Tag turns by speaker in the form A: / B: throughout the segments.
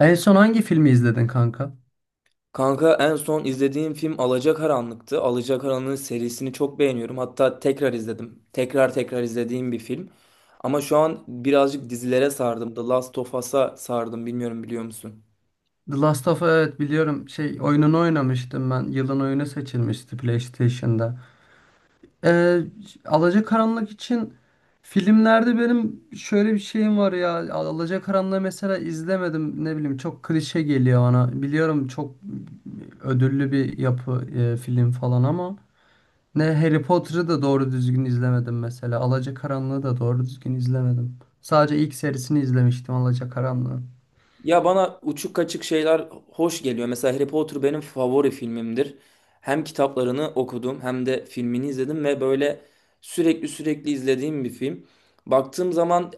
A: En son hangi filmi izledin kanka?
B: Kanka en son izlediğim film Alacakaranlık'tı. Alacakaranlık serisini çok beğeniyorum. Hatta tekrar izledim. Tekrar tekrar izlediğim bir film. Ama şu an birazcık dizilere sardım. The Last of Us'a sardım. Bilmiyorum biliyor musun?
A: The Last of Us, evet biliyorum. Şey oyununu oynamıştım ben. Yılın oyunu seçilmişti PlayStation'da. Ee, Alacakaranlık için filmlerde benim şöyle bir şeyim var ya. Alacakaranlığı mesela izlemedim. Ne bileyim çok klişe geliyor bana. Biliyorum çok ödüllü bir yapı film falan ama ne Harry Potter'ı da doğru düzgün izlemedim mesela. Alacakaranlığı da doğru düzgün izlemedim. Sadece ilk serisini izlemiştim Alacakaranlığı.
B: Ya bana uçuk kaçık şeyler hoş geliyor. Mesela Harry Potter benim favori filmimdir. Hem kitaplarını okudum hem de filmini izledim ve böyle sürekli sürekli izlediğim bir film. Baktığım zaman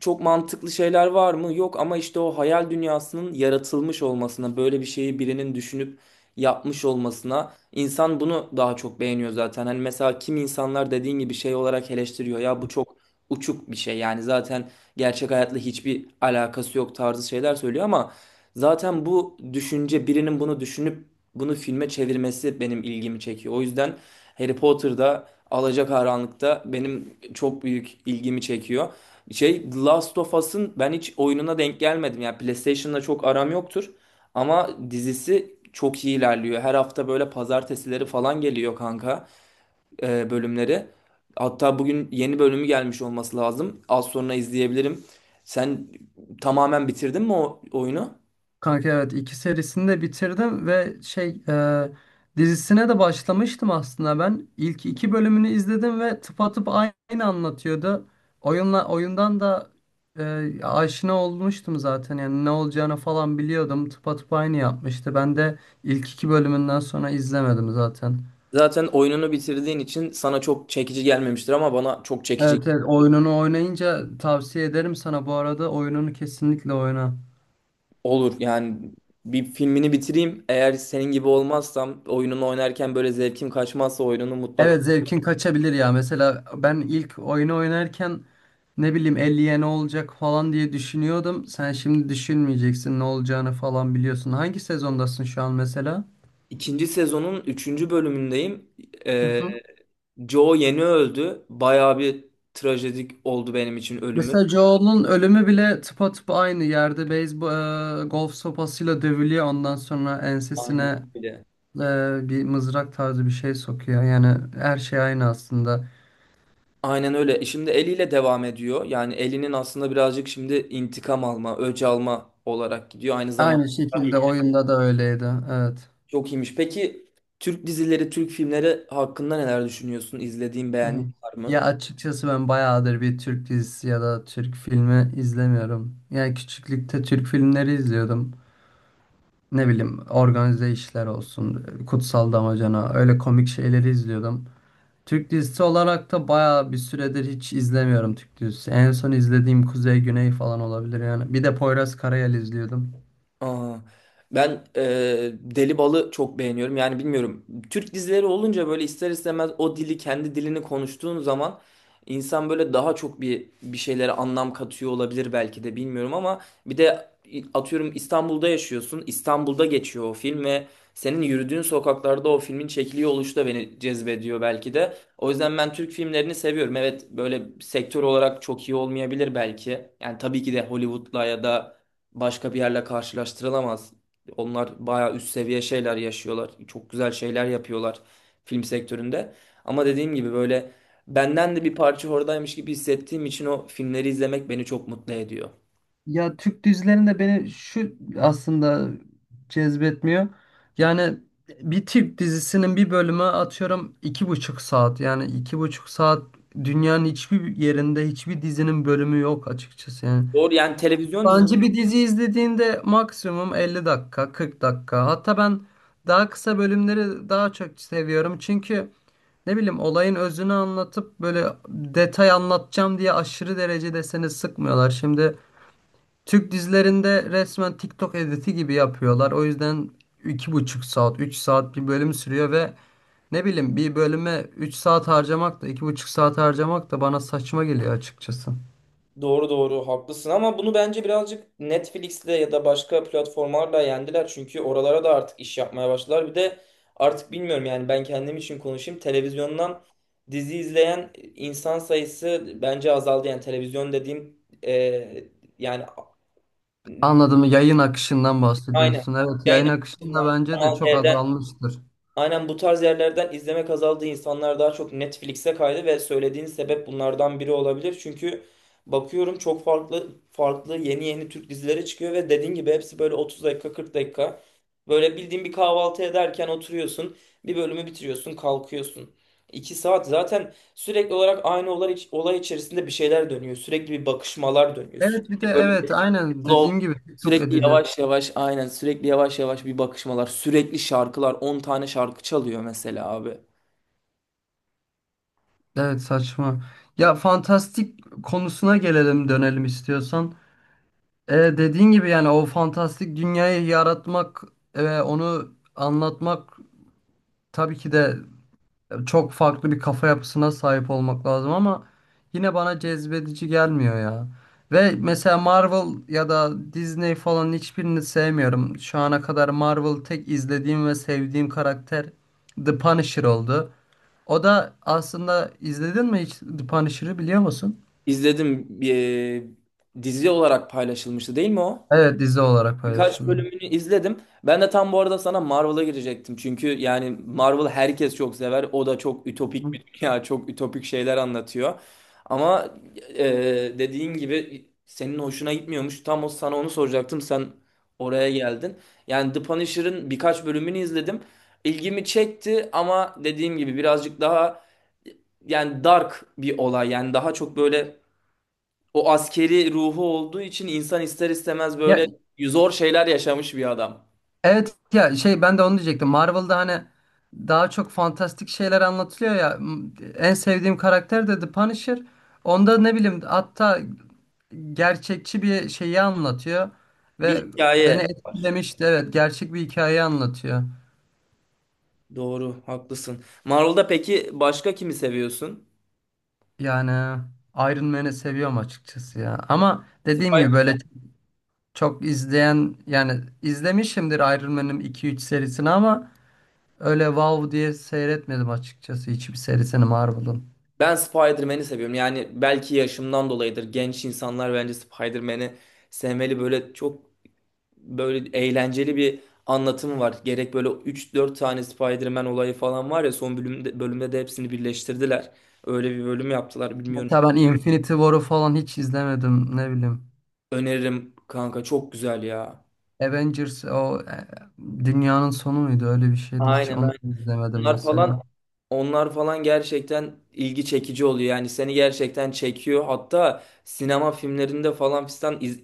B: çok mantıklı şeyler var mı? Yok, ama işte o hayal dünyasının yaratılmış olmasına, böyle bir şeyi birinin düşünüp yapmış olmasına insan bunu daha çok beğeniyor zaten. Hani mesela kim insanlar dediğin gibi şey olarak eleştiriyor. Ya bu çok uçuk bir şey. Yani zaten gerçek hayatla hiçbir alakası yok tarzı şeyler söylüyor ama zaten bu düşünce birinin bunu düşünüp bunu filme çevirmesi benim ilgimi çekiyor. O yüzden Harry Potter'da, Alacakaranlık'ta benim çok büyük ilgimi çekiyor. Şey, The Last of Us'ın ben hiç oyununa denk gelmedim. Yani PlayStation'la çok aram yoktur. Ama dizisi çok iyi ilerliyor. Her hafta böyle pazartesileri falan geliyor kanka, bölümleri. Hatta bugün yeni bölümü gelmiş olması lazım. Az sonra izleyebilirim. Sen tamamen bitirdin mi o oyunu?
A: Kanka evet, iki serisini de bitirdim ve şey dizisine de başlamıştım aslında ben. İlk iki bölümünü izledim ve tıpatıp aynı anlatıyordu. Oyunla oyundan da aşina olmuştum zaten, yani ne olacağını falan biliyordum. Tıpatıp aynı yapmıştı. Ben de ilk iki bölümünden sonra izlemedim zaten.
B: Zaten oyununu bitirdiğin için sana çok çekici gelmemiştir ama bana çok çekici
A: Evet evet, oyununu oynayınca tavsiye ederim sana, bu arada oyununu kesinlikle oyna.
B: olur. Yani bir filmini bitireyim. Eğer senin gibi olmazsam oyununu oynarken böyle zevkim kaçmazsa oyununu mutlaka.
A: Evet, zevkin kaçabilir ya. Mesela ben ilk oyunu oynarken ne bileyim elliye ne olacak falan diye düşünüyordum. Sen şimdi düşünmeyeceksin, ne olacağını falan biliyorsun. Hangi sezondasın şu an mesela?
B: İkinci sezonun üçüncü bölümündeyim.
A: Hı
B: Ee,
A: hı.
B: Joe yeni öldü. Bayağı bir trajedik oldu benim için ölümü.
A: Mesela Joel'un ölümü bile tıpatıp aynı yerde beyzbol, golf sopasıyla dövülüyor. Ondan sonra ensesine
B: Aynen öyle.
A: bir mızrak tarzı bir şey sokuyor. Yani her şey aynı aslında.
B: Aynen öyle. Şimdi eliyle devam ediyor. Yani elinin aslında birazcık şimdi intikam alma, öç alma olarak gidiyor. Aynı zamanda
A: Aynı
B: tabii.
A: şekilde oyunda da öyleydi. Evet.
B: Çok iyiymiş. Peki Türk dizileri, Türk filmleri hakkında neler düşünüyorsun? İzlediğin,
A: Hı
B: beğendiğin
A: hı.
B: var
A: Ya
B: mı?
A: açıkçası ben bayağıdır bir Türk dizisi ya da Türk filmi izlemiyorum. Yani küçüklükte Türk filmleri izliyordum. Ne bileyim, organize işler olsun, Kutsal Damacana, öyle komik şeyleri izliyordum. Türk dizisi olarak da bayağı bir süredir hiç izlemiyorum Türk dizisi. En son izlediğim Kuzey Güney falan olabilir yani. Bir de Poyraz Karayel izliyordum.
B: Aa, ben Deli Bal'ı çok beğeniyorum. Yani bilmiyorum. Türk dizileri olunca böyle ister istemez o dili, kendi dilini konuştuğun zaman insan böyle daha çok bir şeylere anlam katıyor olabilir belki de, bilmiyorum, ama bir de atıyorum İstanbul'da yaşıyorsun. İstanbul'da geçiyor o film ve senin yürüdüğün sokaklarda o filmin çekiliyor oluşu da beni cezbediyor belki de. O yüzden ben Türk filmlerini seviyorum. Evet, böyle sektör olarak çok iyi olmayabilir belki. Yani tabii ki de Hollywood'la ya da başka bir yerle karşılaştırılamaz. Onlar bayağı üst seviye şeyler yaşıyorlar. Çok güzel şeyler yapıyorlar film sektöründe. Ama dediğim gibi böyle benden de bir parça oradaymış gibi hissettiğim için o filmleri izlemek beni çok mutlu ediyor.
A: Ya Türk dizilerinde beni şu aslında cezbetmiyor. Yani bir Türk dizisinin bir bölümü atıyorum iki buçuk saat. Yani iki buçuk saat, dünyanın hiçbir yerinde hiçbir dizinin bölümü yok açıkçası yani.
B: Doğru, yani televizyon.
A: Bence bir dizi izlediğinde maksimum 50 dakika, 40 dakika. Hatta ben daha kısa bölümleri daha çok seviyorum. Çünkü ne bileyim olayın özünü anlatıp böyle detay anlatacağım diye aşırı derecede seni sıkmıyorlar. Şimdi Türk dizilerinde resmen TikTok editi gibi yapıyorlar. O yüzden iki buçuk saat, 3 saat bir bölüm sürüyor ve ne bileyim bir bölüme 3 saat harcamak da iki buçuk saat harcamak da bana saçma geliyor açıkçası.
B: Doğru doğru, haklısın, ama bunu bence birazcık Netflix'le ya da başka platformlarla yendiler. Çünkü oralara da artık iş yapmaya başladılar. Bir de artık bilmiyorum, yani ben kendim için konuşayım. Televizyondan dizi izleyen insan sayısı bence azaldı. Yani televizyon dediğim, e, yani,
A: Anladım. Yayın akışından
B: aynen.
A: bahsediyorsun. Evet,
B: Yayın
A: yayın akışında
B: açısından,
A: bence de
B: Kanal
A: çok
B: D'den.
A: azalmıştır.
B: Aynen bu tarz yerlerden izlemek azaldı. İnsanlar daha çok Netflix'e kaydı ve söylediğin sebep bunlardan biri olabilir. Çünkü bakıyorum çok farklı farklı yeni yeni Türk dizileri çıkıyor ve dediğin gibi hepsi böyle 30 dakika, 40 dakika. Böyle bildiğin bir kahvaltı ederken oturuyorsun, bir bölümü bitiriyorsun, kalkıyorsun. 2 saat zaten sürekli olarak aynı olay, olay içerisinde bir şeyler dönüyor. Sürekli bir bakışmalar dönüyor.
A: Evet, bir de
B: Sürekli böyle
A: evet aynen
B: slow,
A: dediğim gibi TikTok
B: sürekli
A: editi.
B: yavaş yavaş, aynen sürekli yavaş yavaş bir bakışmalar, sürekli şarkılar, 10 tane şarkı çalıyor mesela abi.
A: Evet, saçma. Ya fantastik konusuna gelelim dönelim istiyorsan. Dediğin gibi yani o fantastik dünyayı yaratmak ve onu anlatmak tabii ki de çok farklı bir kafa yapısına sahip olmak lazım ama yine bana cezbedici gelmiyor ya. Ve mesela Marvel ya da Disney falan hiçbirini sevmiyorum. Şu ana kadar Marvel tek izlediğim ve sevdiğim karakter The Punisher oldu. O da aslında, izledin mi hiç The Punisher'ı, biliyor musun?
B: İzledim bir dizi olarak paylaşılmıştı değil mi o?
A: Evet, dizi olarak
B: Birkaç
A: paylaşıldı.
B: bölümünü izledim. Ben de tam bu arada sana Marvel'a girecektim. Çünkü yani Marvel herkes çok sever. O da çok
A: Hı
B: ütopik
A: hı.
B: bir dünya, çok ütopik şeyler anlatıyor. Ama e, dediğin gibi senin hoşuna gitmiyormuş. Tam o sana onu soracaktım. Sen oraya geldin. Yani The Punisher'ın birkaç bölümünü izledim. İlgimi çekti ama dediğim gibi birazcık daha, yani dark bir olay. Yani daha çok böyle o askeri ruhu olduğu için insan ister istemez
A: Ya
B: böyle zor şeyler yaşamış bir adam.
A: Evet ya, şey, ben de onu diyecektim. Marvel'da hani daha çok fantastik şeyler anlatılıyor ya. En sevdiğim karakter de The Punisher. Onda ne bileyim, hatta gerçekçi bir şeyi anlatıyor
B: Bir
A: ve beni
B: hikaye.
A: etkilemişti. Evet, gerçek bir hikayeyi anlatıyor.
B: Doğru, haklısın. Marvel'da peki başka kimi seviyorsun?
A: Yani Iron Man'i seviyorum açıkçası ya. Ama dediğim gibi
B: Spider-
A: böyle çok izleyen, yani izlemişimdir Iron Man'in 2-3 serisini ama öyle wow diye seyretmedim açıkçası hiçbir serisini Marvel'ın.
B: Ben Spider-Man'i seviyorum. Yani belki yaşımdan dolayıdır. Genç insanlar bence Spider-Man'i sevmeli. Böyle çok böyle eğlenceli bir anlatımı var. Gerek böyle 3-4 tane Spider-Man olayı falan var ya son bölümde de hepsini birleştirdiler. Öyle bir bölüm yaptılar. Bilmiyorum.
A: Hatta ben Infinity War'u falan hiç izlemedim, ne bileyim.
B: Öneririm kanka, çok güzel ya.
A: Avengers o dünyanın sonu muydu, öyle bir şeydi, hiç
B: Aynen
A: onu
B: aynen.
A: izlemedim
B: Onlar
A: mesela.
B: falan Onlar falan gerçekten ilgi çekici oluyor. Yani seni gerçekten çekiyor. Hatta sinema filmlerinde falan fistan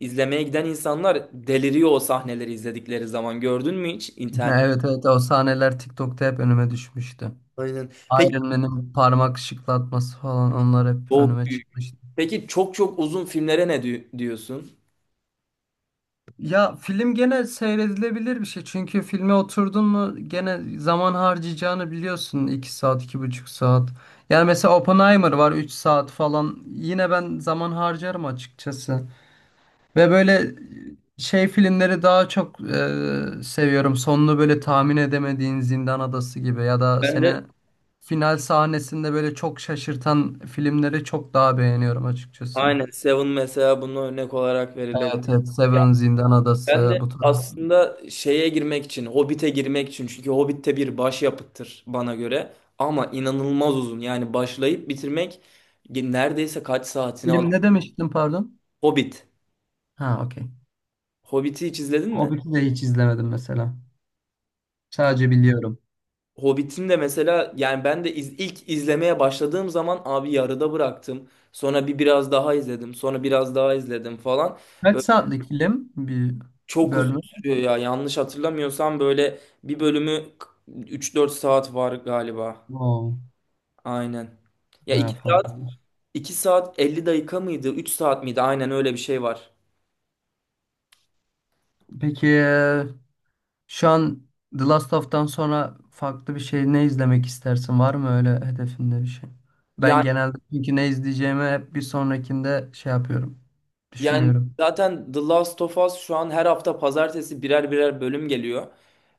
B: izlemeye giden insanlar deliriyor o sahneleri izledikleri zaman. Gördün mü hiç
A: Ha,
B: internet?
A: evet evet, o sahneler TikTok'ta hep önüme düşmüştü.
B: Aynen. Peki,
A: Iron Man'in parmak şıklatması falan, onlar hep
B: çok
A: önüme
B: büyük.
A: çıkmıştı.
B: Peki çok çok uzun filmlere ne diyorsun?
A: Ya film gene seyredilebilir bir şey. Çünkü filme oturdun mu gene zaman harcayacağını biliyorsun. İki saat, iki buçuk saat. Yani mesela Oppenheimer var, 3 saat falan. Yine ben zaman harcarım açıkçası. Ve böyle şey filmleri daha çok seviyorum. Sonunu böyle tahmin edemediğin Zindan Adası gibi ya da
B: Ben
A: seni
B: de
A: final sahnesinde böyle çok şaşırtan filmleri çok daha beğeniyorum açıkçası.
B: aynen, Seven mesela bunun örnek olarak
A: Evet,
B: verilebilir.
A: evet. Seven, Zindan
B: Ben
A: Adası
B: de
A: bu tarz.
B: aslında şeye girmek için, Hobbit'e girmek için, çünkü Hobbit'te bir başyapıttır bana göre ama inanılmaz uzun. Yani başlayıp bitirmek neredeyse kaç saatini aldı.
A: Film ne demiştin, pardon?
B: Hobbit.
A: Ha, okey.
B: Hobbit'i hiç izledin
A: O
B: mi?
A: bir de hiç izlemedim mesela. Sadece biliyorum.
B: Hobbit'in de mesela, yani ben de ilk izlemeye başladığım zaman abi yarıda bıraktım. Sonra bir biraz daha izledim. Sonra biraz daha izledim falan.
A: Kaç
B: Böyle
A: saatlik film bir
B: çok uzun
A: bölümü?
B: sürüyor ya. Yanlış hatırlamıyorsam böyle bir bölümü 3-4 saat var galiba.
A: Oo,
B: Aynen. Ya,
A: bayağı
B: iki
A: fazla
B: saat
A: olmuş.
B: 2 saat 50 dakika mıydı, 3 saat miydi? Aynen öyle bir şey var.
A: Peki şu an The Last of'tan sonra farklı bir şey ne izlemek istersin? Var mı öyle hedefinde bir şey? Ben
B: Yani
A: genelde çünkü ne izleyeceğimi hep bir sonrakinde şey yapıyorum.
B: yani
A: Düşünüyorum.
B: zaten The Last of Us şu an her hafta pazartesi birer birer bölüm geliyor.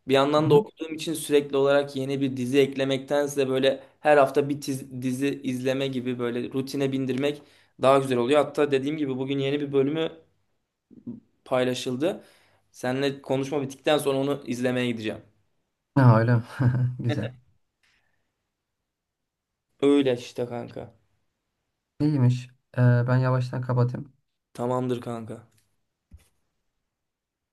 B: Bir
A: Hı
B: yandan da
A: hı.
B: okuduğum için sürekli olarak yeni bir dizi eklemektense böyle her hafta bir dizi izleme gibi böyle rutine bindirmek daha güzel oluyor. Hatta dediğim gibi bugün yeni bir bölümü paylaşıldı. Seninle konuşma bittikten sonra onu izlemeye gideceğim.
A: Ha, öyle mi? Güzel.
B: Öyle işte kanka.
A: İyiymiş. Ee, Ben yavaştan kapatayım.
B: Tamamdır kanka.